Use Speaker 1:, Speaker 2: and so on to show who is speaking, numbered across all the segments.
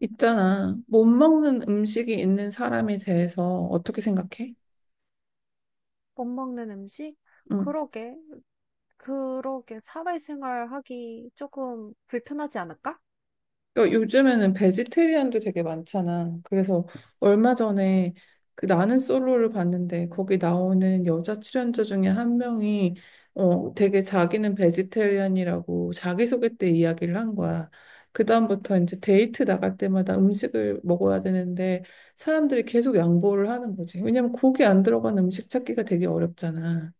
Speaker 1: 있잖아. 못 먹는 음식이 있는 사람에 대해서 어떻게 생각해?
Speaker 2: 못 먹는 음식?
Speaker 1: 응.
Speaker 2: 그러게, 그러게, 사회생활 하기 조금 불편하지 않을까?
Speaker 1: 그러니까 요즘에는 베지테리안도 되게 많잖아. 그래서 얼마 전에 그 나는 솔로를 봤는데 거기 나오는 여자 출연자 중에 한 명이 되게 자기는 베지테리안이라고 자기소개 때 이야기를 한 거야. 그다음부터 이제 데이트 나갈 때마다 음식을 먹어야 되는데 사람들이 계속 양보를 하는 거지. 왜냐면 고기 안 들어간 음식 찾기가 되게 어렵잖아.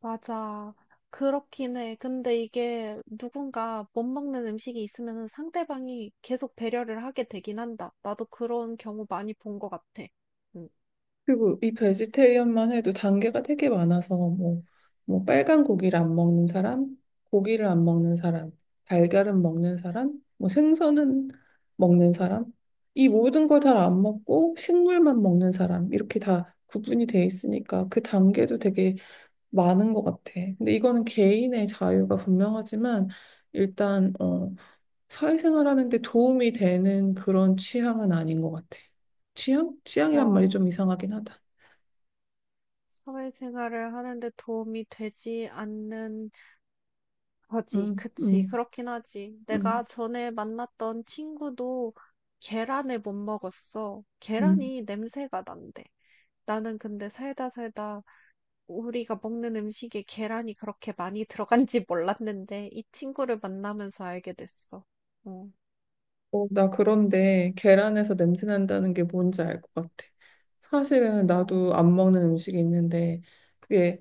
Speaker 2: 맞아. 그렇긴 해. 근데 이게 누군가 못 먹는 음식이 있으면 상대방이 계속 배려를 하게 되긴 한다. 나도 그런 경우 많이 본 것 같아. 응.
Speaker 1: 그리고 이 베지테리언만 해도 단계가 되게 많아서 뭐 빨간 고기를 안 먹는 사람, 고기를 안 먹는 사람, 달걀은 먹는 사람, 뭐 생선은 먹는 사람, 이 모든 걸 다 안 먹고 식물만 먹는 사람 이렇게 다 구분이 돼 있으니까 그 단계도 되게 많은 것 같아. 근데 이거는 개인의 자유가 분명하지만 일단 사회생활하는 데 도움이 되는 그런 취향은 아닌 것 같아. 취향? 취향이란 말이
Speaker 2: 어,
Speaker 1: 좀 이상하긴 하다.
Speaker 2: 사회생활을 하는데 도움이 되지 않는 하지,
Speaker 1: 음,
Speaker 2: 그치.
Speaker 1: 음,
Speaker 2: 그렇긴 하지. 내가
Speaker 1: 음.
Speaker 2: 전에 만났던 친구도 계란을 못 먹었어.
Speaker 1: 음.
Speaker 2: 계란이 냄새가 난대. 나는 근데 살다 살다 우리가 먹는 음식에 계란이 그렇게 많이 들어간지 몰랐는데 이 친구를 만나면서 알게 됐어. 어,
Speaker 1: 어, 나 그런데 계란에서 냄새 난다는 게 뭔지 알 것 같아. 사실은
Speaker 2: 어,
Speaker 1: 나도 안 먹는 음식이 있는데 그게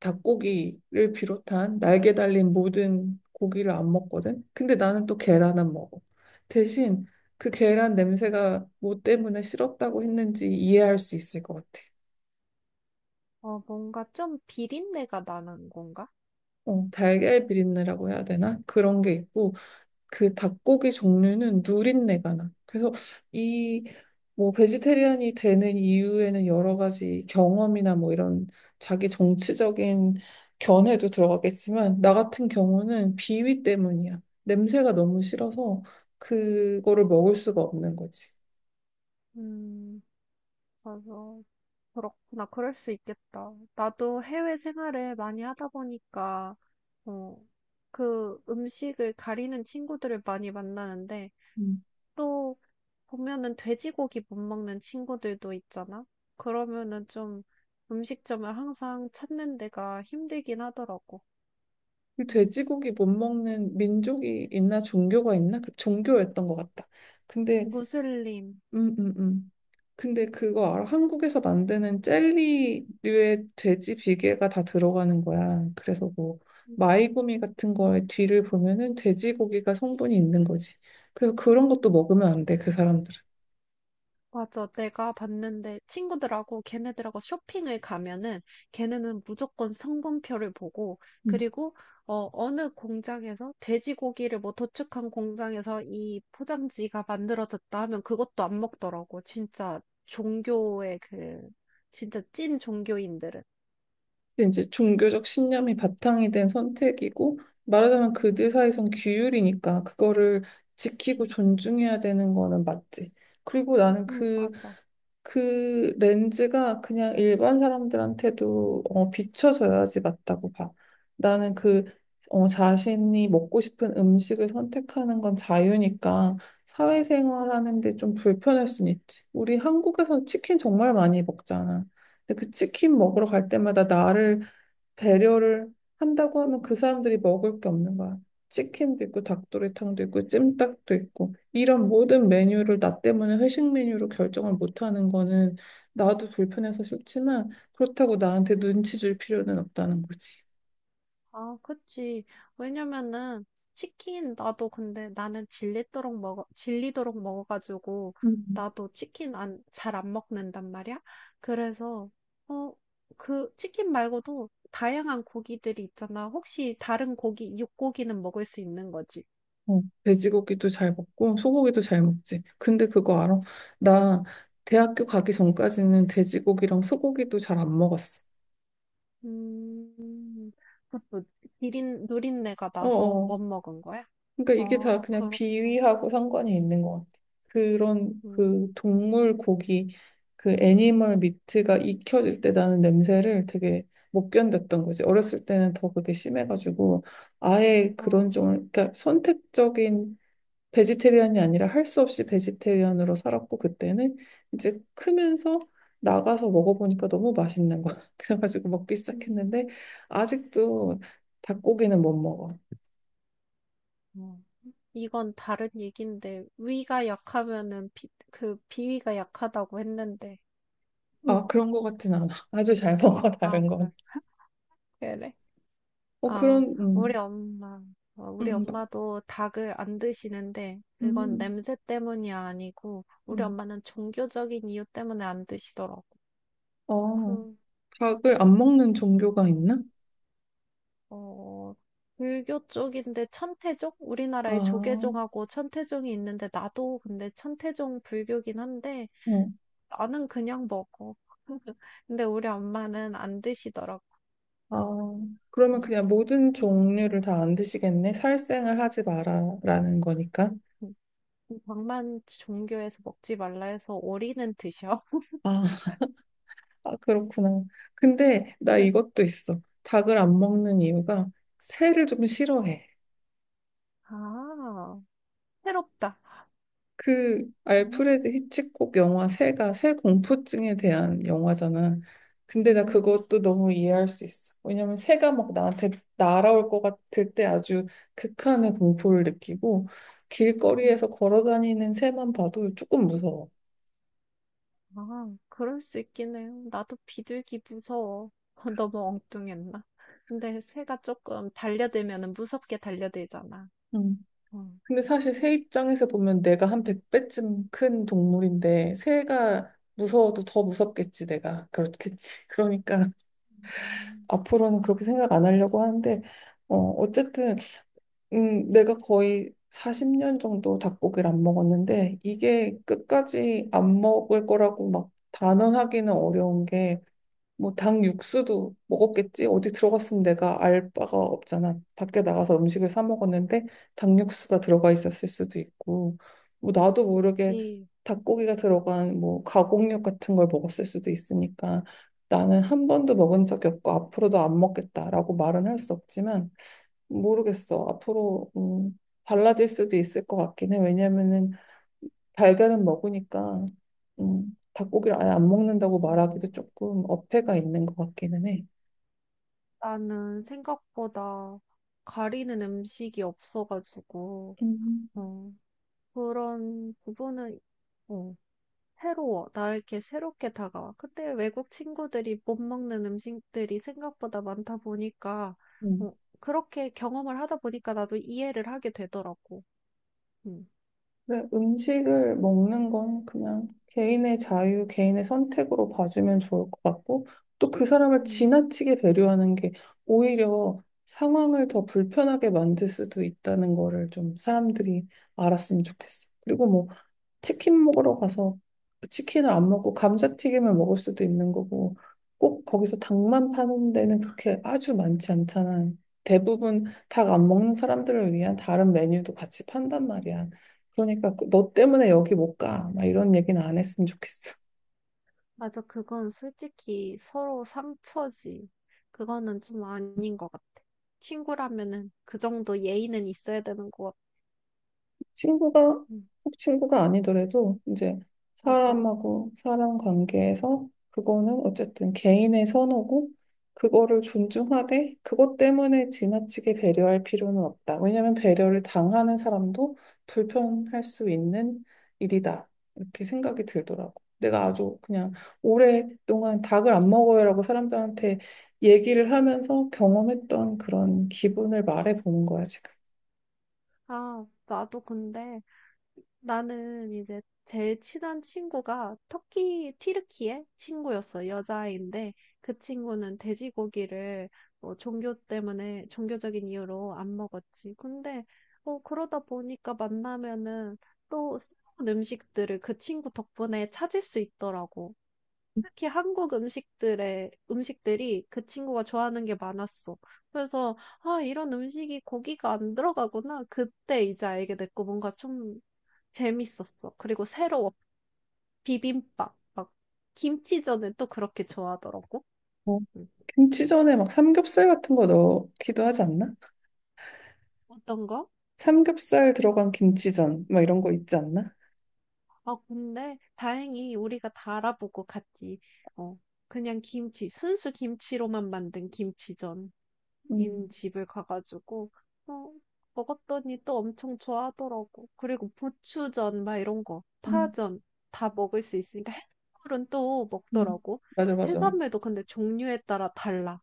Speaker 1: 닭고기를 비롯한 날개 달린 모든 고기를 안 먹거든. 근데 나는 또 계란은 먹어. 대신 그 계란 냄새가 뭐 때문에 싫었다고 했는지 이해할 수 있을 것 같아.
Speaker 2: 뭔가 좀 비린내가 나는 건가?
Speaker 1: 어, 달걀 비린내라고 해야 되나? 그런 게 있고 그 닭고기 종류는 누린내가 나. 그래서 이 뭐 베지테리안이 되는 이유에는 여러 가지 경험이나 뭐 이런 자기 정치적인 견해도 들어가겠지만 나 같은 경우는 비위 때문이야. 냄새가 너무 싫어서 그거를 먹을 수가 없는 거지.
Speaker 2: 음, 맞아. 그렇구나. 그럴 수 있겠다. 나도 해외 생활을 많이 하다 보니까, 어, 그 음식을 가리는 친구들을 많이 만나는데,
Speaker 1: 음.
Speaker 2: 또 보면은 돼지고기 못 먹는 친구들도 있잖아? 그러면은 좀 음식점을 항상 찾는 데가 힘들긴 하더라고.
Speaker 1: 이
Speaker 2: 음.
Speaker 1: 돼지고기 못 먹는 민족이 있나 종교가 있나? 그 종교였던 것 같다. 근데
Speaker 2: 무슬림.
Speaker 1: 음, 음, 음. 근데 그거 알아? 한국에서 만드는 젤리류의 돼지 비계가 다 들어가는 거야. 그래서 뭐
Speaker 2: 음.
Speaker 1: 마이구미 같은 거에 뒤를 보면은 돼지고기가 성분이 있는 거지. 그래서 그런 것도 먹으면 안 돼, 그 사람들은.
Speaker 2: 맞아. 내가 봤는데 친구들하고 걔네들하고 쇼핑을 가면은 걔네는 무조건 성분표를 보고
Speaker 1: 음.
Speaker 2: 그리고 어느 공장에서 돼지고기를 뭐 도축한 공장에서 이 포장지가 만들어졌다 하면 그것도 안 먹더라고. 진짜 종교의 그 진짜 찐 종교인들은.
Speaker 1: 근데 이제 종교적 신념이 바탕이 된 선택이고 말하자면 그들
Speaker 2: 음,
Speaker 1: 사이선 규율이니까 그거를
Speaker 2: 음,
Speaker 1: 지키고 존중해야 되는 거는 맞지. 그리고 나는 그
Speaker 2: 맞아.
Speaker 1: 그 렌즈가 그냥 일반 사람들한테도 비춰져야지 맞다고 봐. 나는 그 자신이 먹고 싶은 음식을 선택하는 건 자유니까 사회생활하는 데 좀 불편할 순 있지. 우리 한국에서 치킨 정말 많이 먹잖아. 근데 그 치킨 먹으러 갈 때마다 나를 배려를 한다고 하면 그 사람들이 먹을 게 없는 거야. 치킨도 있고 닭도리탕도 있고 찜닭도 있고 이런 모든 메뉴를 나 때문에 회식 메뉴로 결정을 못하는 거는 나도 불편해서 싫지만 그렇다고 나한테 눈치 줄 필요는 없다는 거지.
Speaker 2: 아, 그치. 왜냐면은, 치킨, 나도 근데 나는 질리도록 먹어, 질리도록 먹어가지고,
Speaker 1: 음.
Speaker 2: 나도 치킨 안, 잘 안 먹는단 말이야. 그래서, 어, 그, 치킨 말고도 다양한 고기들이 있잖아. 혹시 다른 고기, 육고기는 먹을 수 있는 거지.
Speaker 1: 어, 돼지고기도 잘 먹고 소고기도 잘 먹지. 근데 그거 알아? 나 대학교 가기 전까지는 돼지고기랑 소고기도 잘 안 먹었어.
Speaker 2: 음, 그것도 누린내가 나서
Speaker 1: 어어.
Speaker 2: 못 먹은 거야?
Speaker 1: 그러니까 이게 다
Speaker 2: 아,
Speaker 1: 그냥
Speaker 2: 그렇구나.
Speaker 1: 비위하고 상관이 있는 것 같아. 그런 그
Speaker 2: 음,
Speaker 1: 동물 고기, 그 애니멀 미트가 익혀질 때 나는 냄새를 되게 못 견뎠던 거지. 어렸을 때는 더 그게 심해가지고 아예 그런
Speaker 2: 어,
Speaker 1: 종을, 그러니까 선택적인 베지테리안이 아니라 할 수 없이 베지테리안으로 살았고 그때는 이제 크면서 나가서 먹어보니까 너무 맛있는 거야. 그래가지고 먹기
Speaker 2: 음.
Speaker 1: 시작했는데 아직도 닭고기는 못 먹어.
Speaker 2: 음. 이건 다른 얘기인데 위가 약하면은 그 비위가 약하다고 했는데 음.
Speaker 1: 아, 그런 것 같진 않아. 아주 잘 먹어,
Speaker 2: 아
Speaker 1: 다른
Speaker 2: 그래
Speaker 1: 건.
Speaker 2: 그래.
Speaker 1: 어,
Speaker 2: 아
Speaker 1: 그런,
Speaker 2: 우리 엄마 우리
Speaker 1: 음,
Speaker 2: 엄마도 닭을 안 드시는데 그건
Speaker 1: 음,
Speaker 2: 냄새 때문이 아니고 우리
Speaker 1: 음.
Speaker 2: 엄마는 종교적인 이유 때문에 안 드시더라고.
Speaker 1: 어,
Speaker 2: 그
Speaker 1: 닭을 안
Speaker 2: 음,
Speaker 1: 먹는 종교가 있나?
Speaker 2: 어, 불교 쪽인데 천태종.
Speaker 1: 아,
Speaker 2: 우리나라에
Speaker 1: 어,
Speaker 2: 조계종하고 천태종이 있는데 나도 근데 천태종 불교긴 한데 나는 그냥 먹어. 근데 우리 엄마는 안 드시더라고.
Speaker 1: 아, 그러면
Speaker 2: 음.
Speaker 1: 그냥 모든 종류를 다 안 드시겠네? 살생을 하지 마라라는 거니까.
Speaker 2: 음, 방만 종교에서 먹지 말라 해서 오리는 드셔.
Speaker 1: 아, 아, 그렇구나. 근데 나 이것도 있어. 닭을 안 먹는 이유가 새를 좀 싫어해.
Speaker 2: 아, 새롭다.
Speaker 1: 그 알프레드
Speaker 2: 음,
Speaker 1: 히치콕 영화 새가 새 공포증에 대한 영화잖아. 근데 나
Speaker 2: 음.
Speaker 1: 그것도 너무 이해할 수 있어. 왜냐면 새가 막 나한테 날아올 것 같을 때 아주 극한의 공포를 느끼고
Speaker 2: 음.
Speaker 1: 길거리에서 걸어 다니는 새만 봐도 조금 무서워.
Speaker 2: 아, 그럴 수 있긴 해요. 나도 비둘기 무서워. 너무 엉뚱했나? 근데 새가 조금 달려들면은 무섭게 달려들잖아.
Speaker 1: 음.
Speaker 2: 어.
Speaker 1: 근데 사실 새 입장에서 보면 내가 한 백배쯤 큰 동물인데 새가 무서워도 더 무섭겠지 내가. 그렇겠지. 그러니까
Speaker 2: 음,
Speaker 1: 앞으로는 그렇게 생각 안 하려고 하는데 어쨌든 내가 거의 40년 정도 닭고기를 안 먹었는데 이게 끝까지 안 먹을 거라고 막 단언하기는 어려운 게 뭐 닭 육수도 먹었겠지 어디 들어갔으면 내가 알 바가 없잖아 밖에 나가서 음식을 사 먹었는데 닭 육수가 들어가 있었을 수도 있고 뭐 나도 모르게
Speaker 2: 그치.
Speaker 1: 닭고기가 들어간 뭐 가공육 같은 걸 먹었을 수도 있으니까 나는 한 번도 먹은 적이 없고 앞으로도 안 먹겠다라고 말은 할 수 없지만 모르겠어. 앞으로 달라질 수도 있을 것 같긴 해. 왜냐면은 달걀은 먹으니까 닭고기를 아예 안 먹는다고 말하기도
Speaker 2: 음.
Speaker 1: 조금 어폐가 있는 것 같기는 해.
Speaker 2: 나는 생각보다 가리는 음식이 없어가지고,
Speaker 1: 음.
Speaker 2: 어, 그런 부분은 어, 새로워. 나에게 새롭게 다가와. 근데 외국 친구들이 못 먹는 음식들이 생각보다 많다 보니까
Speaker 1: 음.
Speaker 2: 어, 그렇게 경험을 하다 보니까 나도 이해를 하게 되더라고. 음.
Speaker 1: 그래, 음식을 먹는 건 그냥 개인의 자유, 개인의 선택으로 봐주면 좋을 것 같고, 또 그 사람을
Speaker 2: 음.
Speaker 1: 지나치게 배려하는 게 오히려 상황을 더 불편하게 만들 수도 있다는 거를 좀 사람들이 알았으면 좋겠어. 그리고 뭐 치킨 먹으러 가서 그 치킨을 안 먹고 감자튀김을 먹을 수도 있는 거고 꼭 거기서 닭만 파는 데는 그렇게 아주 많지 않잖아. 대부분 닭 안 먹는 사람들을 위한 다른 메뉴도 같이 판단 말이야. 너 때문에 여기 못 가. 막 이런 얘기는 안 했으면 좋겠어.
Speaker 2: 맞아. 그건 솔직히 서로 상처지. 그거는 좀 아닌 것 같아. 친구라면은 그 정도 예의는 있어야 되는 것 같아.
Speaker 1: 친구가
Speaker 2: 음,
Speaker 1: 꼭 친구가 아니더라도 이제
Speaker 2: 맞아.
Speaker 1: 사람하고 사람 관계에서 그거는 어쨌든 개인의 선호고 그거를 존중하되 그것 때문에 지나치게 배려할 필요는 없다. 왜냐하면 배려를 당하는 사람도 불편할 수 있는 일이다. 이렇게 생각이 들더라고. 내가 아주 그냥 오랫동안 닭을 안 먹어요라고 사람들한테 얘기를 하면서 경험했던 그런 기분을 말해보는 거야, 지금.
Speaker 2: 아, 나도 근데 나는 이제 제일 친한 친구가 튀르키예 친구였어. 여자아이인데 그 친구는 돼지고기를 뭐 종교 때문에, 종교적인 이유로 안 먹었지. 근데 그러다 보니까 만나면은 또 새로운 음식들을 그 친구 덕분에 찾을 수 있더라고. 특히 한국 음식들의 음식들이 그 친구가 좋아하는 게 많았어. 그래서 아, 이런 음식이 고기가 안 들어가구나. 그때 이제 알게 됐고 뭔가 좀 재밌었어. 그리고 새로워. 비빔밥. 막 김치전을 또 그렇게 좋아하더라고.
Speaker 1: 어,
Speaker 2: 음.
Speaker 1: 김치전에 막 삼겹살 같은 거 넣기도 하지 않나?
Speaker 2: 어떤 거?
Speaker 1: 삼겹살 들어간 김치전 막 이런 거 있지 않나?
Speaker 2: 아, 근데 다행히 우리가 다 알아보고 갔지. 어, 그냥 순수 김치로만 만든 김치전. 인
Speaker 1: 음,
Speaker 2: 집을 가가지고 어, 먹었더니 또 엄청 좋아하더라고. 그리고 부추전 막 이런 거,
Speaker 1: 음,
Speaker 2: 파전 다 먹을 수 있으니까 해산물은 또
Speaker 1: 음.
Speaker 2: 먹더라고.
Speaker 1: 맞아 맞아.
Speaker 2: 해산물도 근데 종류에 따라 달라.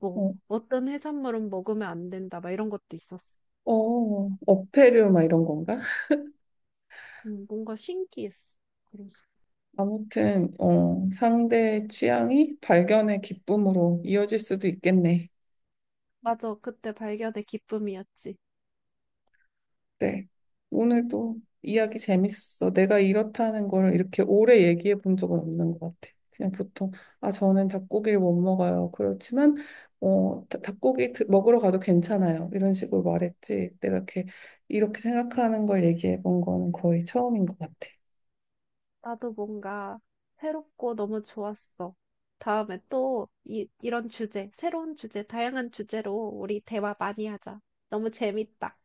Speaker 2: 뭐
Speaker 1: 어,
Speaker 2: 어떤 해산물은 먹으면 안 된다 막 이런 것도 있었어.
Speaker 1: 어패류 막 이런 건가?
Speaker 2: 뭔가 신기했어. 그래서
Speaker 1: 아무튼 어, 상대의 취향이 발견의 기쁨으로 이어질 수도 있겠네.
Speaker 2: 맞아, 그때 발견의 기쁨이었지.
Speaker 1: 네. 오늘도 이야기 재밌었어. 내가 이렇다는 거를 이렇게 오래 얘기해 본 적은 없는 것 같아. 그냥 보통, 아, 저는 닭고기를 못 먹어요. 그렇지만, 먹으러 가도 괜찮아요. 이런 식으로 말했지. 내가 이렇게, 이렇게 생각하는 걸 얘기해 본 거는 거의 처음인 것 같아.
Speaker 2: 나도 뭔가 새롭고 너무 좋았어. 다음에 또 이런 주제, 새로운 주제, 다양한 주제로 우리 대화 많이 하자. 너무 재밌다.